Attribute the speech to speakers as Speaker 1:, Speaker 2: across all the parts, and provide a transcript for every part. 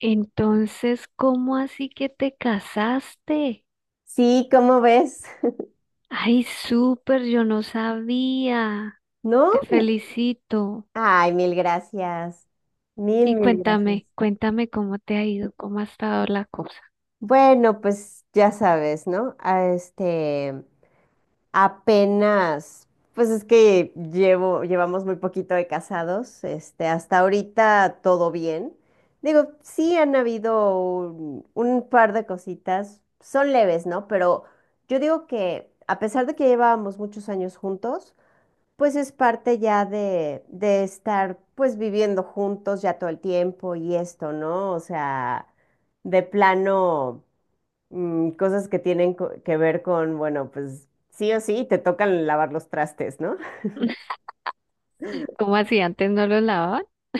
Speaker 1: Entonces, ¿cómo así que te casaste?
Speaker 2: Sí, ¿cómo ves?
Speaker 1: Ay, súper, yo no sabía.
Speaker 2: ¿No?
Speaker 1: Te felicito.
Speaker 2: Ay, mil gracias. Mil,
Speaker 1: Y
Speaker 2: mil gracias.
Speaker 1: cuéntame cómo te ha ido, cómo ha estado la cosa.
Speaker 2: Bueno, pues ya sabes, ¿no? Apenas, pues es que llevamos muy poquito de casados, hasta ahorita todo bien. Digo, sí han habido un par de cositas, son leves, ¿no? Pero yo digo que a pesar de que llevábamos muchos años juntos, pues es parte ya de estar pues viviendo juntos ya todo el tiempo y esto, ¿no? O sea, de plano, cosas que tienen que ver con, bueno, pues sí o sí, te tocan lavar los trastes, ¿no?
Speaker 1: ¿Cómo así antes no lo lavaban?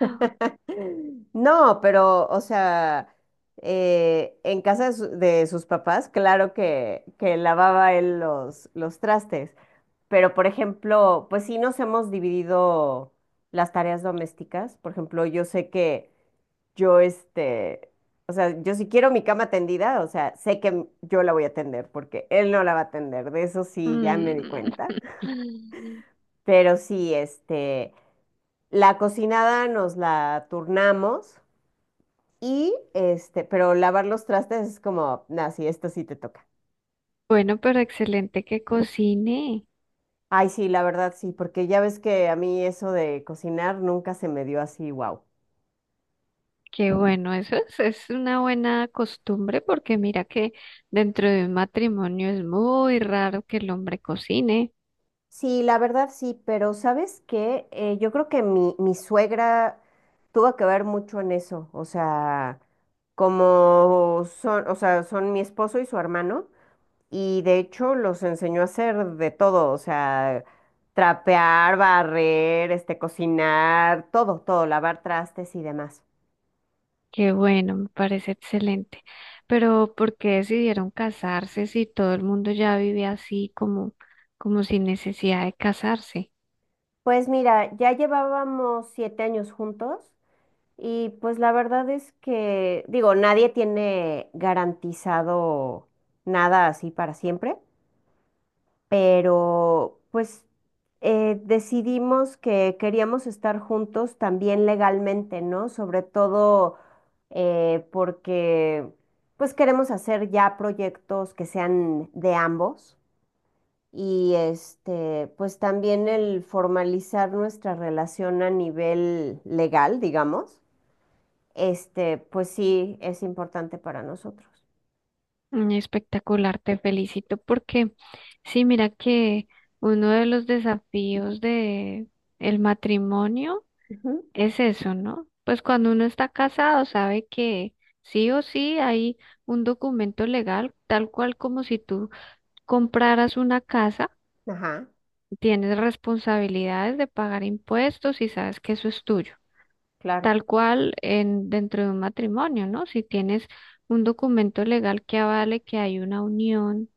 Speaker 1: Ah,
Speaker 2: No, pero, o sea, en casa de sus papás, claro que lavaba él los trastes, pero por ejemplo, pues sí nos hemos dividido las tareas domésticas. Por ejemplo, yo sé que... yo, o sea, yo, si quiero mi cama tendida, o sea, sé que, yo la voy a tender porque él no la va a tender. De eso sí ya me di
Speaker 1: mm.
Speaker 2: cuenta. Pero sí, la cocinada nos la turnamos y pero lavar los trastes es como, nah, sí, esto sí te toca.
Speaker 1: Bueno, pero excelente que cocine.
Speaker 2: Ay, sí, la verdad sí, porque ya ves que a mí eso de cocinar nunca se me dio así, wow.
Speaker 1: Qué bueno, eso es una buena costumbre porque mira que dentro de un matrimonio es muy raro que el hombre cocine.
Speaker 2: Sí, la verdad sí, pero ¿sabes qué? Yo creo que mi suegra tuvo que ver mucho en eso. O sea, como son, o sea, son mi esposo y su hermano, y de hecho los enseñó a hacer de todo, o sea, trapear, barrer, cocinar, todo, todo, lavar trastes y demás.
Speaker 1: Qué bueno, me parece excelente. Pero ¿por qué decidieron casarse si todo el mundo ya vivía así como, como sin necesidad de casarse?
Speaker 2: Pues mira, ya llevábamos 7 años juntos. Y pues la verdad es que, digo, nadie tiene garantizado nada así para siempre, pero pues, decidimos que queríamos estar juntos también legalmente, ¿no? Sobre todo, porque pues queremos hacer ya proyectos que sean de ambos y, pues también el formalizar nuestra relación a nivel legal, digamos, pues sí es importante para nosotros.
Speaker 1: Mm, espectacular, te felicito porque sí, mira que uno de los desafíos de el matrimonio
Speaker 2: Ujú.
Speaker 1: es eso, ¿no? Pues cuando uno está casado sabe que sí o sí hay un documento legal tal cual como si tú compraras una casa.
Speaker 2: Ajá,
Speaker 1: Tienes responsabilidades de pagar impuestos y sabes que eso es tuyo.
Speaker 2: claro.
Speaker 1: Tal cual en, dentro de un matrimonio, ¿no? Si tienes un documento legal que avale que hay una unión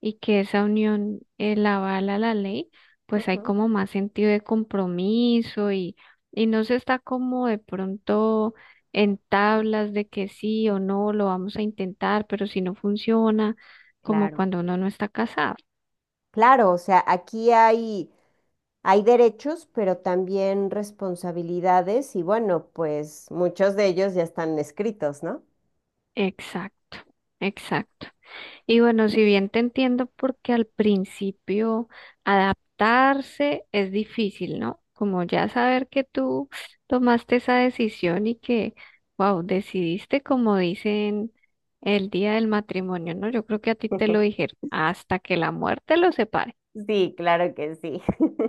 Speaker 1: y que esa unión la avala la ley, pues hay
Speaker 2: Ujú.
Speaker 1: como más sentido de compromiso y no se está como de pronto en tablas de que sí o no lo vamos a intentar, pero si no funciona, como
Speaker 2: Claro.
Speaker 1: cuando uno no está casado.
Speaker 2: Claro, o sea, aquí hay, hay derechos, pero también responsabilidades y, bueno, pues muchos de ellos ya están escritos, ¿no?
Speaker 1: Exacto, exacto. Y bueno, si bien te entiendo, porque al principio adaptarse es difícil, ¿no? Como ya saber que tú tomaste esa decisión y que, wow, decidiste como dicen el día del matrimonio, ¿no? Yo creo que a ti te lo dijeron, hasta que la muerte los separe.
Speaker 2: Sí, claro que sí.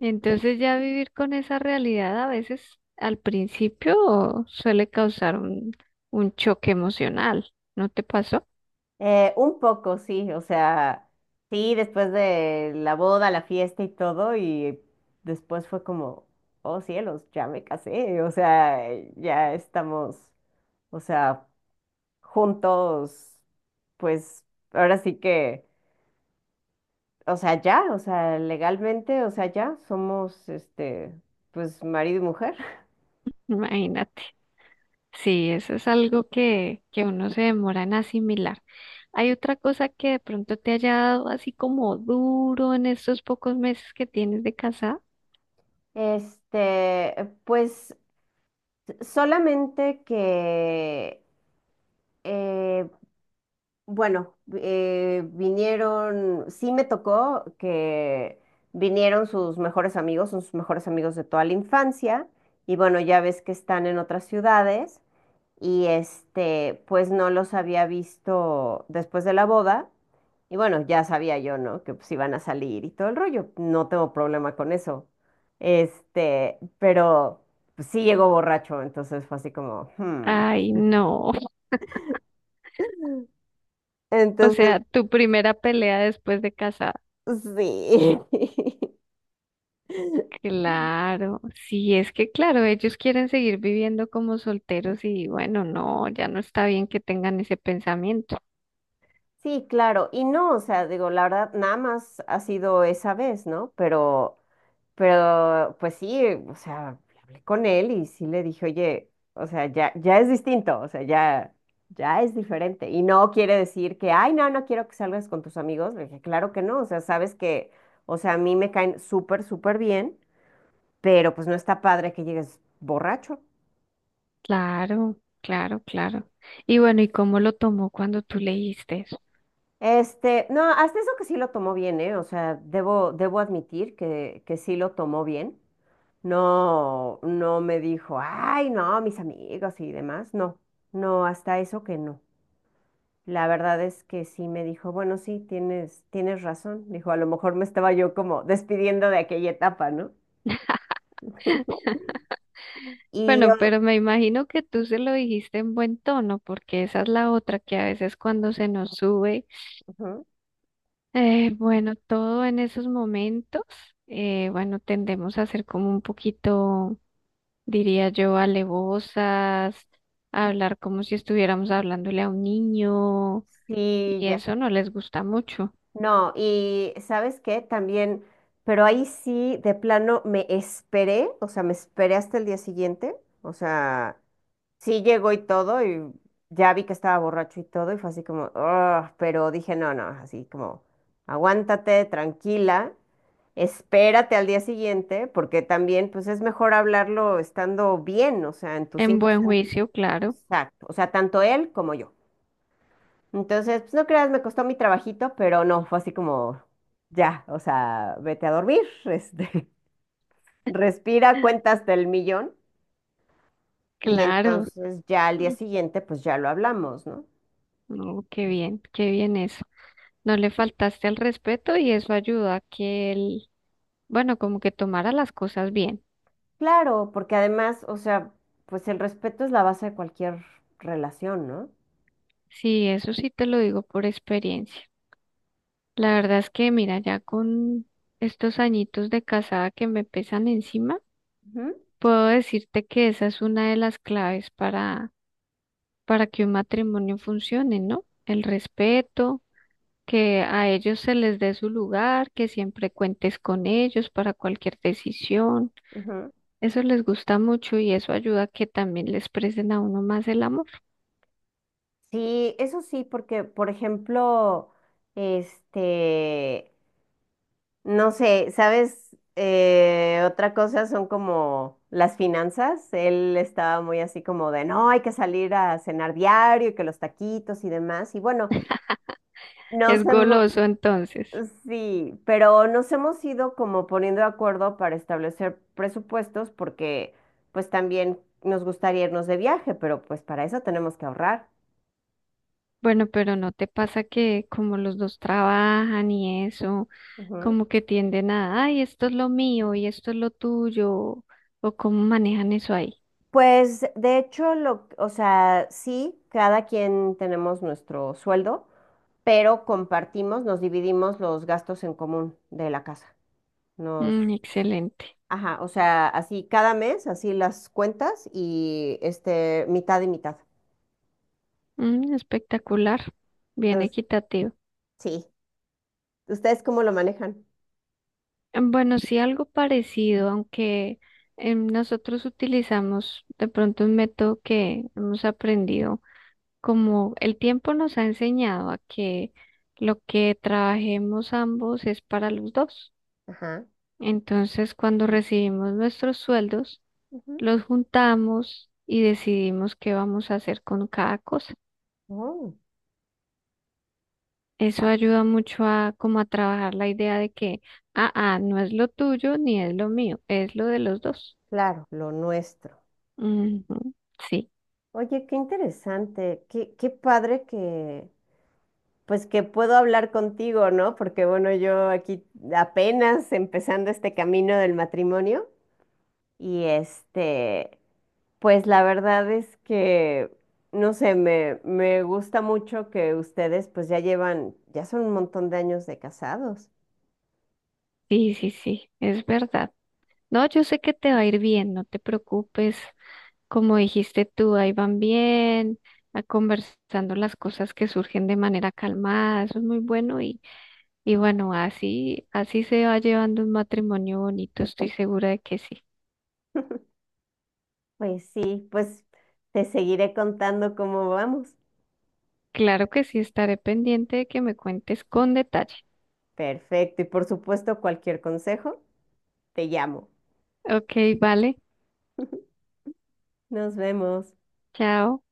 Speaker 1: Entonces ya vivir con esa realidad a veces al principio suele causar un choque emocional, ¿no te pasó?
Speaker 2: Un poco, sí, o sea, sí, después de la boda, la fiesta y todo, y después fue como, oh cielos, ya me casé, o sea, ya estamos, o sea, juntos, pues ahora sí que, o sea, ya, o sea, legalmente, o sea, ya somos, pues marido y mujer.
Speaker 1: Imagínate. Sí, eso es algo que uno se demora en asimilar. ¿Hay otra cosa que de pronto te haya dado así como duro en estos pocos meses que tienes de casada?
Speaker 2: Este, pues solamente que, eh, Bueno, vinieron, sí me tocó que vinieron sus mejores amigos, son sus mejores amigos de toda la infancia, y bueno, ya ves que están en otras ciudades, y, pues no los había visto después de la boda, y bueno, ya sabía yo, ¿no? Que pues iban a salir y todo el rollo, no tengo problema con eso, pero pues, sí llegó borracho. Entonces fue así como, hmm.
Speaker 1: Ay, no. O
Speaker 2: Entonces,
Speaker 1: sea, tu primera pelea después de casada.
Speaker 2: pues, sí.
Speaker 1: Claro, sí, es que claro, ellos quieren seguir viviendo como solteros y bueno, no, ya no está bien que tengan ese pensamiento.
Speaker 2: Sí, claro. Y no, o sea, digo, la verdad, nada más ha sido esa vez, ¿no? Pero, pues sí, o sea, hablé con él y sí le dije, oye, o sea, ya, ya es distinto, o sea, ya, ya es diferente. Y no quiere decir que, ay, no, no quiero que salgas con tus amigos. Le dije, claro que no, o sea, sabes que, o sea, a mí me caen súper, súper bien, pero pues no está padre que llegues borracho.
Speaker 1: Claro, claro, claro. Y bueno, ¿y cómo lo tomó cuando tú leíste eso?
Speaker 2: No, hasta eso que sí lo tomó bien, ¿eh? O sea, debo admitir que sí lo tomó bien. No, no me dijo, ay, no, mis amigos y demás. No, no, hasta eso que no. La verdad es que sí me dijo, bueno, sí, tienes razón. Dijo, a lo mejor me estaba yo como despidiendo de aquella etapa, ¿no? Y
Speaker 1: Bueno,
Speaker 2: yo,
Speaker 1: pero me imagino que tú se lo dijiste en buen tono, porque esa es la otra que a veces cuando se nos sube,
Speaker 2: ujú,
Speaker 1: bueno, todo en esos momentos, bueno, tendemos a ser como un poquito, diría yo, alevosas, a hablar como si estuviéramos hablándole a un niño,
Speaker 2: sí,
Speaker 1: y
Speaker 2: ya.
Speaker 1: eso no les gusta mucho.
Speaker 2: No, y ¿sabes qué? También, pero ahí sí, de plano, me esperé, o sea, me esperé hasta el día siguiente, o sea, sí llegó y todo, y ya vi que estaba borracho y todo, y fue así como, "Ugh", pero dije, no, no, así como, aguántate, tranquila, espérate al día siguiente, porque también, pues es mejor hablarlo estando bien, o sea, en tus
Speaker 1: En
Speaker 2: cinco
Speaker 1: buen
Speaker 2: sentidos.
Speaker 1: juicio, claro,
Speaker 2: Exacto, o sea, tanto él como yo. Entonces, pues no creas, me costó mi trabajito, pero no, fue así como, ya, o sea, vete a dormir, respira, cuenta hasta el millón y
Speaker 1: claro.
Speaker 2: entonces ya al día
Speaker 1: Mm,
Speaker 2: siguiente, pues ya lo hablamos, ¿no?
Speaker 1: no, qué bien eso. No le faltaste al respeto y eso ayuda a que el, bueno, como que tomara las cosas bien.
Speaker 2: Claro, porque además, o sea, pues el respeto es la base de cualquier relación, ¿no?
Speaker 1: Sí, eso sí te lo digo por experiencia. La verdad es que, mira, ya con estos añitos de casada que me pesan encima,
Speaker 2: Ujú,
Speaker 1: puedo decirte que esa es una de las claves para que un matrimonio funcione, ¿no? El respeto, que a ellos se les dé su lugar, que siempre cuentes con ellos para cualquier decisión.
Speaker 2: ujú.
Speaker 1: Eso les gusta mucho y eso ayuda a que también les presten a uno más el amor.
Speaker 2: Sí, eso sí, porque, por ejemplo, este, no sé, ¿sabes? Otra cosa son como las finanzas. Él estaba muy así como de, no, hay que salir a cenar diario y que los taquitos y demás. Y bueno, nos
Speaker 1: Es
Speaker 2: hemos,
Speaker 1: goloso entonces.
Speaker 2: sí, pero nos hemos ido como poniendo de acuerdo para establecer presupuestos porque pues también nos gustaría irnos de viaje, pero pues para eso tenemos que ahorrar.
Speaker 1: Bueno, pero ¿no te pasa que como los dos trabajan y eso, como que tienden a, ay, esto es lo mío y esto es lo tuyo, o cómo manejan eso ahí?
Speaker 2: Pues de hecho, lo, o sea, sí, cada quien tenemos nuestro sueldo, pero compartimos, nos dividimos los gastos en común de la casa. Nos,
Speaker 1: Mm, excelente.
Speaker 2: ajá, o sea, así cada mes, así las cuentas y, mitad y mitad.
Speaker 1: Mm, espectacular, bien
Speaker 2: Entonces,
Speaker 1: equitativo.
Speaker 2: sí. ¿Ustedes cómo lo manejan?
Speaker 1: Bueno, sí, algo parecido, aunque nosotros utilizamos de pronto un método que hemos aprendido, como el tiempo nos ha enseñado a que lo que trabajemos ambos es para los dos.
Speaker 2: Ajá.
Speaker 1: Entonces, cuando recibimos nuestros sueldos,
Speaker 2: Ujú.
Speaker 1: los juntamos y decidimos qué vamos a hacer con cada cosa.
Speaker 2: Oh,
Speaker 1: Eso
Speaker 2: ah,
Speaker 1: ayuda mucho a como a trabajar la idea de que, ah, ah, no es lo tuyo ni es lo mío, es lo de los dos.
Speaker 2: claro, lo nuestro.
Speaker 1: Ujú, Sí,
Speaker 2: Oye, qué interesante, qué padre que, pues que puedo hablar contigo, ¿no? Porque bueno, yo aquí apenas empezando este camino del matrimonio y, pues la verdad es que, no sé, me gusta mucho que ustedes pues ya llevan, ya son un montón de años de casados.
Speaker 1: sí, es verdad. No, yo sé que te va a ir bien, no te preocupes. Como dijiste tú, ahí van bien, a conversando las cosas que surgen de manera calmada, eso es muy bueno. Y bueno, así, así se va llevando un matrimonio bonito, estoy segura de que sí.
Speaker 2: Pues sí, pues te seguiré contando cómo vamos.
Speaker 1: Claro que sí, estaré pendiente de que me cuentes con detalle.
Speaker 2: Perfecto, y por supuesto cualquier consejo, te llamo.
Speaker 1: Ok, vale,
Speaker 2: Nos vemos.
Speaker 1: chao.